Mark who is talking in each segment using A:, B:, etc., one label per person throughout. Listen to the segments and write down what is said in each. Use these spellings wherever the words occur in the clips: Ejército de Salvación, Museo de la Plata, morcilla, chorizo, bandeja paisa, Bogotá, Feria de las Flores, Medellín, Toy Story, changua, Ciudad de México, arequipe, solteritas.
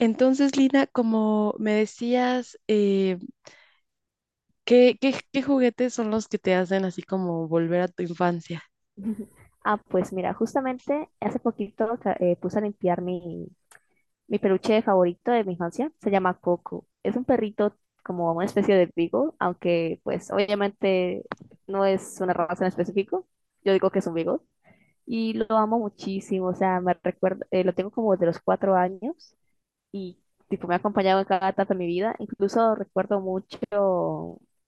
A: Entonces, Lina, como me decías, ¿qué juguetes son los que te hacen así como volver a tu infancia?
B: Ah, pues mira, justamente hace poquito puse a limpiar mi peluche favorito de mi infancia. Se llama Coco. Es un perrito como una especie de beagle, aunque pues obviamente no es una raza en específico. Yo digo que es un beagle. Y lo amo muchísimo, o sea, me recuerda, lo tengo como de los 4 años y tipo, me ha acompañado en cada etapa de mi vida. Incluso recuerdo mucho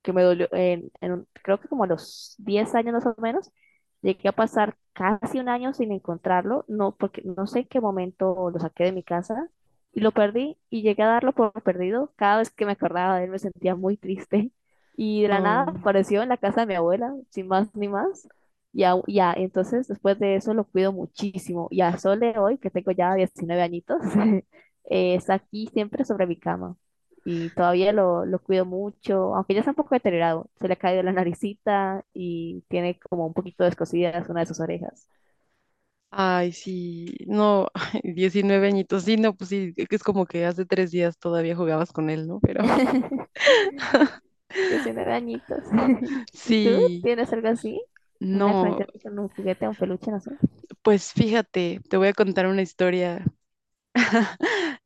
B: que me dolió, creo que como a los 10 años más o menos, llegué a pasar casi un año sin encontrarlo, no, porque no sé en qué momento lo saqué de mi casa y lo perdí y llegué a darlo por perdido. Cada vez que me acordaba de él me sentía muy triste y de la nada
A: Oh,
B: apareció en la casa de mi abuela, sin más ni más. Y ya, ya, entonces después de eso lo cuido muchísimo y a Sole hoy, que tengo ya 19 añitos, está aquí siempre sobre mi cama y todavía lo cuido mucho, aunque ya está un poco deteriorado, se le ha caído la naricita y tiene como un poquito descosidas una de sus orejas.
A: ay, sí, no, 19 añitos. Sí, no, pues sí, es como que hace 3 días todavía jugabas con él, ¿no? Pero
B: Yo soy dañitos. ¿Y tú
A: sí,
B: tienes algo así? ¿Una
A: no,
B: conexión con un juguete un peluche, no sé?
A: pues fíjate, te voy a contar una historia.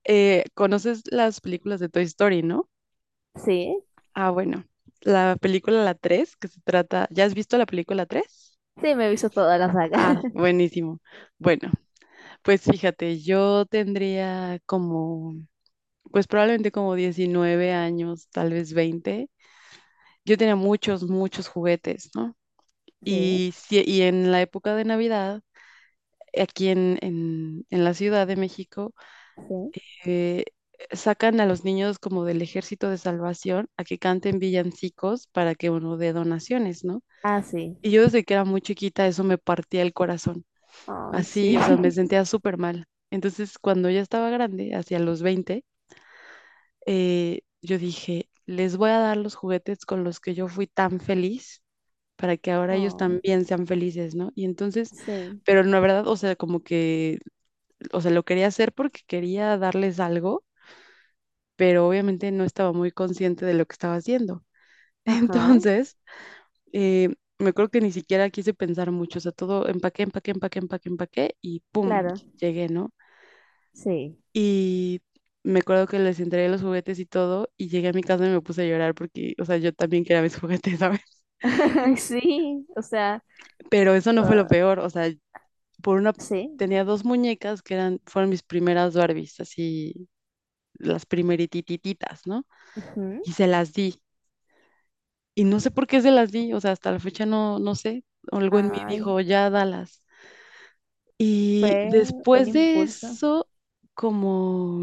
A: ¿Conoces las películas de Toy Story, no?
B: Sí,
A: Ah, bueno, la película, la tres, que se trata, ¿ya has visto la película tres?
B: sí, me he visto toda la saga.
A: Ah, buenísimo. Bueno, pues fíjate, yo tendría como, pues probablemente como 19 años, tal vez 20. Yo tenía muchos, muchos juguetes, ¿no?
B: Sí,
A: Y, si, y en la época de Navidad, aquí en la Ciudad de México,
B: sí.
A: eh, sacan a los niños como del Ejército de Salvación a que canten villancicos para que uno dé donaciones, ¿no?
B: Ah, sí.
A: Y yo desde que era muy chiquita eso me partía el corazón,
B: Ay, sí.
A: así, o sea, me sentía súper mal. Entonces, cuando ya estaba grande, hacia los 20, yo dije, les voy a dar los juguetes con los que yo fui tan feliz para que ahora ellos
B: Oh,
A: también sean felices, ¿no? Y entonces,
B: sí.
A: pero la verdad, o sea, como que, o sea, lo quería hacer porque quería darles algo, pero obviamente no estaba muy consciente de lo que estaba haciendo.
B: Ajá,
A: Entonces, me acuerdo que ni siquiera quise pensar mucho, o sea, todo empaqué, empaqué, empaqué, empaqué, empaqué y ¡pum!
B: claro.
A: Llegué, ¿no?
B: Sí.
A: Y me acuerdo que les entregué los juguetes y todo, y llegué a mi casa y me puse a llorar porque, o sea, yo también quería mis juguetes, ¿sabes?
B: Ay, sí. O sea.
A: Pero eso no fue lo
B: Ah,
A: peor, o sea, por una,
B: sí.
A: tenía dos muñecas que eran, fueron mis primeras Barbies, así, las primeritititas, ¿no?
B: Ujú.
A: Y se las di, y no sé por qué se las di, o sea, hasta la fecha no, no sé, algo en mí
B: Ay,
A: dijo, ya dalas. Y
B: fue un
A: después de
B: impulso.
A: eso, como...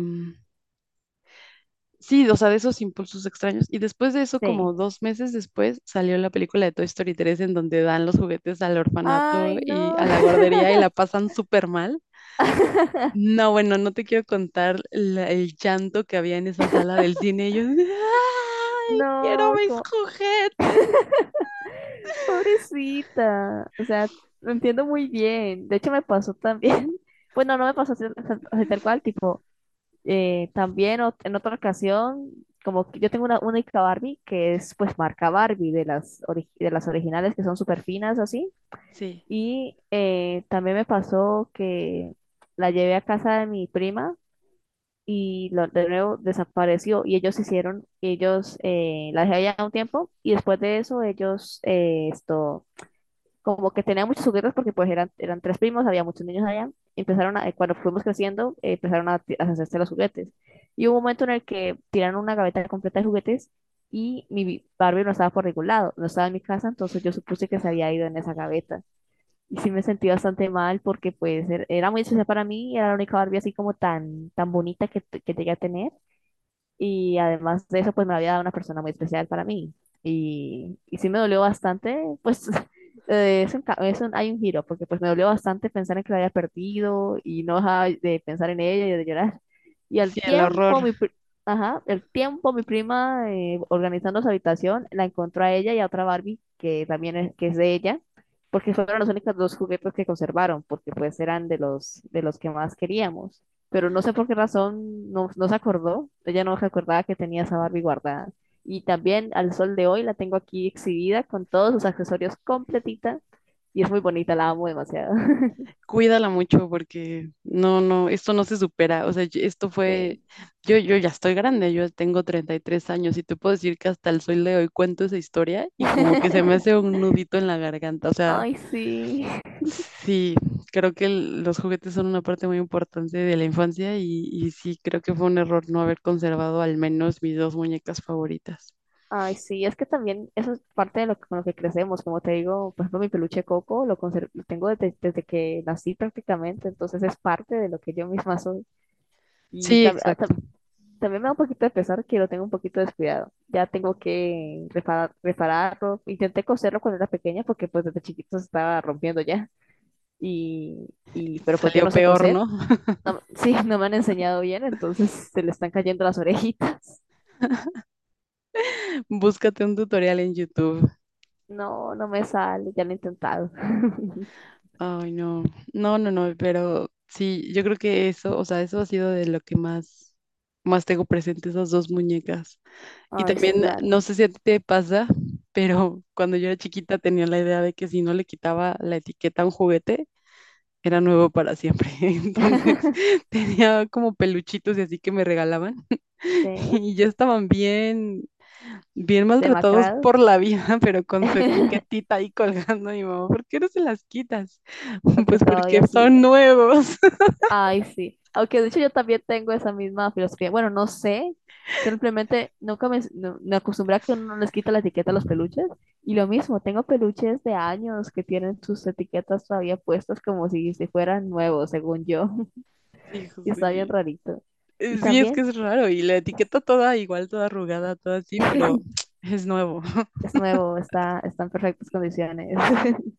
A: Sí, o sea, de esos impulsos extraños. Y después de eso,
B: Sí.
A: como 2 meses después, salió la película de Toy Story tres en donde dan los juguetes al orfanato
B: Ay,
A: y
B: no.
A: a la guardería y la pasan súper mal. No, bueno, no te quiero contar el llanto que había en esa sala del cine. Ellos, ¡ay! Quiero
B: No,
A: mis
B: como,
A: juguetes.
B: pobrecita. O sea, lo entiendo muy bien. De hecho, me pasó también. Bueno, no me pasó así, así tal cual, tipo, también en otra ocasión, como que yo tengo una única Barbie, que es pues marca Barbie, de las originales que son súper finas, así.
A: Sí,
B: Y también me pasó que la llevé a casa de mi prima y de nuevo desapareció. Y ellos hicieron, ellos la dejé allá un tiempo y después de eso como que tenían muchos juguetes porque pues eran tres primos, había muchos niños allá. Cuando fuimos creciendo, empezaron a hacerse los juguetes. Y hubo un momento en el que tiraron una gaveta completa de juguetes y mi Barbie no estaba por ningún lado, no estaba en mi casa, entonces yo supuse que se había ido en esa gaveta. Y sí me sentí bastante mal porque pues era muy especial para mí, era la única Barbie así como tan, tan bonita que llegué a tener. Y además de eso, pues me había dado una persona muy especial para mí. Y sí me dolió bastante, pues es un, ca- es un- hay un giro, porque pues me dolió bastante pensar en que la había perdido y no dejaba de pensar en ella y de llorar. Y al
A: sí, el
B: tiempo,
A: horror.
B: ajá, el tiempo, mi prima organizando su habitación, la encontró a ella y a otra Barbie, que también es, que es de ella, porque fueron los únicos dos juguetes que conservaron, porque pues eran de los que más queríamos pero no sé por qué razón no se acordó. Ella no recordaba que tenía esa Barbie guardada. Y también al sol de hoy la tengo aquí exhibida con todos sus accesorios completita y es muy bonita, la amo demasiado.
A: Cuídala mucho porque no, no, esto no se supera. O sea, esto fue,
B: Sí.
A: yo ya estoy grande, yo tengo 33 años y te puedo decir que hasta el sol de hoy cuento esa historia y como que se me hace un nudito en la garganta. O sea,
B: Ay, sí.
A: sí, creo que los juguetes son una parte muy importante de la infancia y, sí, creo que fue un error no haber conservado al menos mis dos muñecas favoritas.
B: Ay, sí. Es que también eso es parte de lo que, con lo que crecemos. Como te digo, por ejemplo, mi peluche Coco lo tengo desde que nací prácticamente, entonces es parte de lo que yo misma soy. Y
A: Sí,
B: tam- ah,
A: exacto.
B: tam- también me da un poquito de pesar que lo tengo un poquito descuidado. Ya tengo que repararlo. Intenté coserlo cuando era pequeña porque pues desde chiquito se estaba rompiendo ya. Y,
A: Y
B: y pero pues yo
A: salió
B: no sé
A: peor,
B: coser.
A: ¿no?
B: Sí, no me han enseñado bien, entonces se le están cayendo las orejitas.
A: Búscate un tutorial en YouTube.
B: No, no me sale, ya lo he intentado.
A: Ay, no, no, no, no, pero sí, yo creo que eso, o sea, eso ha sido de lo que más, más tengo presente, esas dos muñecas. Y
B: Ay, sí,
A: también,
B: claro.
A: no sé si a ti te pasa, pero cuando yo era chiquita tenía la idea de que si no le quitaba la etiqueta a un juguete, era nuevo para siempre. Entonces, tenía como peluchitos y así que me regalaban
B: Sí,
A: y ya estaban bien bien maltratados
B: demacrado.
A: por la vida, pero con su etiquetita ahí colgando, mi mamá, ¿por qué no se las quitas?
B: Porque
A: Pues porque
B: todavía sí.
A: son nuevos.
B: Ay, sí. Aunque de hecho yo también tengo esa misma filosofía. Bueno, no sé. Simplemente nunca me, no- me acostumbré a que uno no les quita la etiqueta a los peluches. Y lo mismo, tengo peluches de años que tienen sus etiquetas todavía puestas como si fueran nuevos, según yo.
A: Sí, hijo,
B: Y está bien
A: sí.
B: rarito. Y
A: Sí, es que
B: también
A: es raro y la etiqueta toda igual, toda arrugada, toda así, pero es nuevo.
B: es nuevo, está en perfectas condiciones.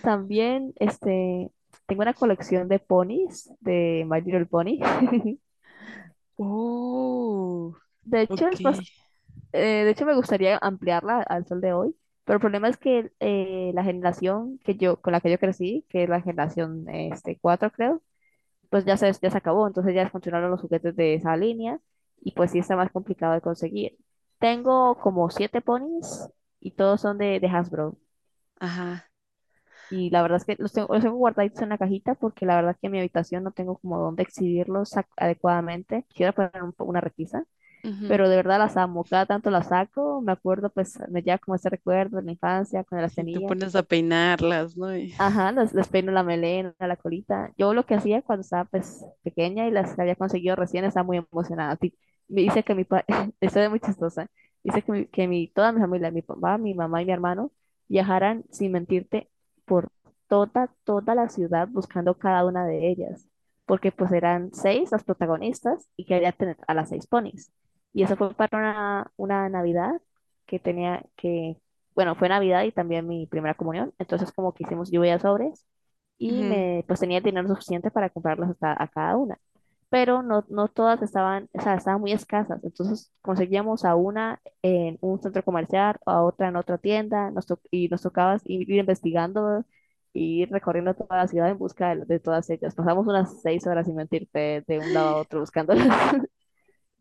B: También este, tengo una colección de ponis, de My Little Pony.
A: Oh,
B: De hecho,
A: ok,
B: es más, de hecho, me gustaría ampliarla al sol de hoy, pero el problema es que la generación con la que yo crecí, que es la generación 4 creo, pues ya se acabó, entonces ya funcionaron los juguetes de esa línea y pues sí está más complicado de conseguir. Tengo como siete ponis y todos son de Hasbro.
A: ajá.
B: Y la verdad es que los tengo guardaditos en la cajita porque la verdad es que en mi habitación no tengo como dónde exhibirlos adecuadamente. Quiero poner una repisa
A: Ujú.
B: pero de verdad las amo, cada tanto las saco, me acuerdo pues me lleva como ese recuerdo de la infancia, cuando las
A: Y tú
B: tenía,
A: pones a peinarlas, ¿no?
B: ajá, las peino la melena, la colita. Yo lo que hacía cuando estaba pues pequeña y las había conseguido recién, estaba muy emocionada. Me dice que mi papá, esto es muy chistosa, dice que mi, toda mi familia, mi papá, mi mamá y mi hermano, viajaran, sin mentirte, por toda, toda la ciudad buscando cada una de ellas, porque pues eran seis las protagonistas y quería tener a las seis ponis y eso fue para una Navidad que tenía, que bueno, fue Navidad y también mi primera comunión, entonces como que hicimos lluvia de sobres y
A: Ujú.
B: pues tenía el dinero suficiente para comprarlas hasta a cada una, pero no todas estaban, o sea, estaban muy escasas, entonces conseguíamos a una en un centro comercial, a otra en otra tienda, y nos tocaba ir investigando y ir recorriendo toda la ciudad en busca de todas ellas. Pasamos unas 6 horas, sin mentirte, de un lado a otro buscándolas.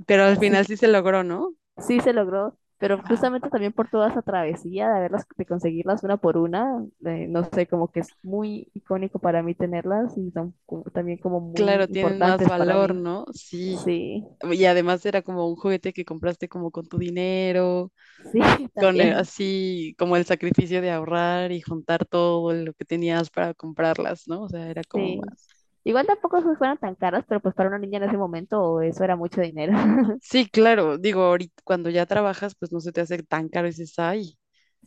A: Pero al final sí se logró, ¿no?
B: Sí se logró, pero justamente también por toda esa travesía de haberlas, de conseguirlas una por una, no sé, como que es muy icónico para mí tenerlas y son también como muy
A: Claro, tienen más
B: importantes para
A: valor,
B: mí.
A: ¿no? Sí.
B: Sí,
A: Y además era como un juguete que compraste como con tu dinero,
B: sí,
A: con
B: también,
A: así como el sacrificio de ahorrar y juntar todo lo que tenías para comprarlas, ¿no? O sea, era como
B: sí.
A: más.
B: Igual tampoco se fueron tan caras, pero pues para una niña en ese momento eso era mucho dinero.
A: Sí, claro, digo, ahorita cuando ya trabajas, pues no se te hace tan caro y dices, ay.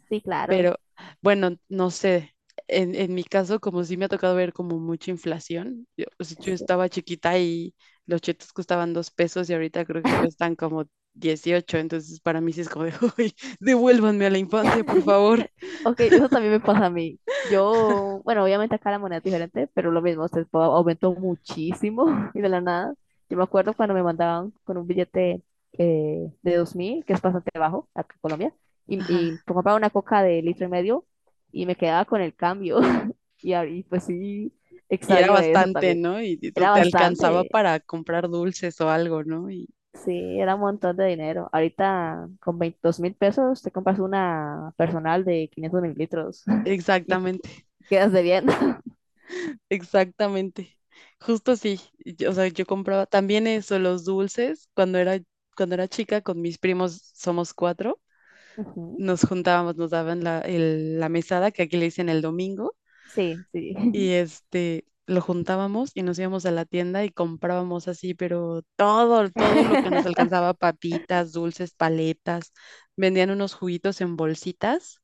B: Sí, claro.
A: Pero bueno, no sé. En mi caso, como sí me ha tocado ver como mucha inflación, yo, o sea, yo
B: Sí.
A: estaba chiquita y los chetos costaban 2 pesos y ahorita creo que cuestan como 18, entonces para mí sí es como de, uy, devuélvanme a la infancia, por favor.
B: Ok, eso también me pasa a mí. Yo, bueno, obviamente acá la moneda es diferente, pero lo mismo, aumentó muchísimo y de la nada. Yo me acuerdo cuando me mandaban con un billete de 2.000 que es bastante bajo acá en Colombia, y
A: Ajá.
B: por comprar una coca de litro y medio y me quedaba con el cambio. Y, ahí, pues sí,
A: Y era
B: extraño eso
A: bastante,
B: también.
A: ¿no? Y tú
B: Era
A: te alcanzaba
B: bastante,
A: para comprar dulces o algo, ¿no? Y
B: sí, era un montón de dinero. Ahorita con 22.000 pesos te compras una personal de 500 mililitros y te
A: exactamente.
B: quedas de bien.
A: Exactamente. Justo así. O sea, yo compraba también eso, los dulces. Cuando era chica, con mis primos somos cuatro,
B: Ujú,
A: nos juntábamos, nos daban la mesada, que aquí le dicen el domingo,
B: sí, sí.
A: y lo juntábamos y nos íbamos a la tienda y comprábamos así, pero todo, todo lo que nos alcanzaba, papitas, dulces, paletas, vendían unos juguitos en bolsitas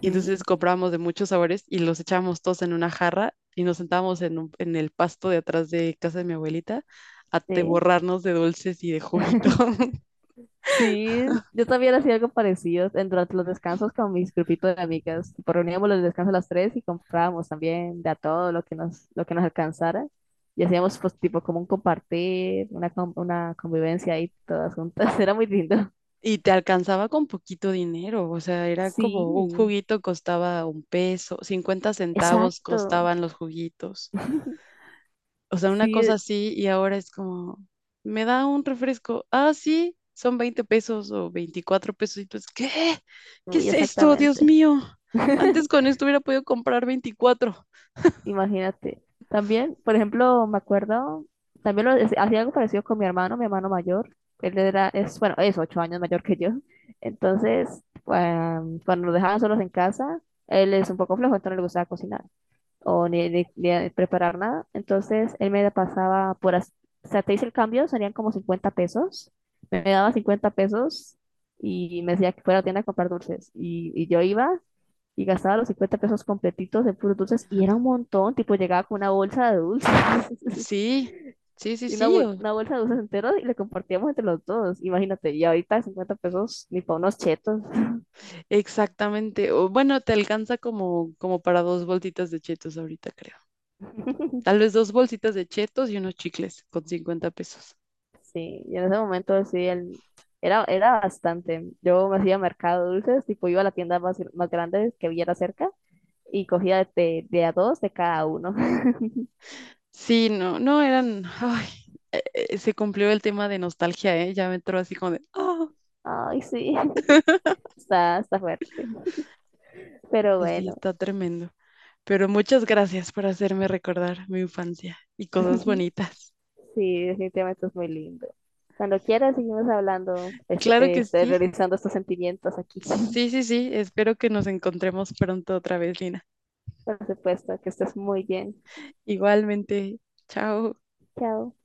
A: y entonces comprábamos de muchos sabores y los echábamos todos en una jarra y nos sentábamos en el pasto de atrás de casa de mi abuelita a te
B: sí.
A: borrarnos de dulces y de juguito.
B: Sí, yo también hacía algo parecido durante los descansos con mis grupitos de amigas. Tipo, reuníamos los descansos a las tres y comprábamos también de a todo lo que nos alcanzara. Y hacíamos pues tipo como un compartir, una convivencia ahí todas juntas. Era muy lindo.
A: Y te alcanzaba con poquito dinero, o sea, era
B: Sí,
A: como un juguito costaba 1 peso, 50 centavos
B: exacto.
A: costaban los juguitos. O sea, una cosa
B: Sí,
A: así y ahora es como, me da un refresco. Ah, sí, son 20 pesos o 24 pesos. Y tú es, ¿qué? ¿Qué
B: muy
A: es esto? Dios
B: exactamente.
A: mío. Antes con esto hubiera podido comprar 24.
B: Imagínate. También, por ejemplo, me acuerdo, también hacía algo parecido con mi hermano mayor. Él era, es, bueno, es 8 años mayor que yo. Entonces, cuando nos dejaban solos en casa, él es un poco flojo, entonces no le gustaba cocinar o ni preparar nada. Entonces él me la pasaba o sea, te hice el cambio, serían como 50 pesos. Me daba 50 pesos y me decía que fuera a la tienda a comprar dulces. Y yo iba y gastaba los 50 pesos completitos de puros dulces y era un montón, tipo llegaba con una bolsa de dulces
A: Sí, sí, sí,
B: y
A: sí.
B: una bolsa de dulces enteros y le compartíamos entre los dos. Imagínate, y ahorita 50 pesos ni para unos chetos.
A: Exactamente. O, bueno, te alcanza como para dos bolsitas de chetos ahorita, creo. Tal vez dos bolsitas de chetos y unos chicles con 50 pesos.
B: Sí, y en ese momento sí, era bastante. Yo me hacía mercado de dulces, tipo iba a la tienda más grande que viera cerca y cogía de a dos de cada uno.
A: Sí, no, no eran. Ay, se cumplió el tema de nostalgia, ¿eh? Ya me entró así como de. "Ah".
B: Ay, sí, está fuerte. Pero
A: Sí,
B: bueno,
A: está tremendo. Pero muchas gracias por hacerme recordar mi infancia y cosas bonitas.
B: sí, definitivamente es muy lindo. Cuando quieras, seguimos hablando,
A: Claro que sí.
B: realizando estos sentimientos aquí.
A: Sí, sí, sí. Espero que nos encontremos pronto otra vez, Lina.
B: Por supuesto, que estés muy bien.
A: Igualmente. Chao.
B: Chao.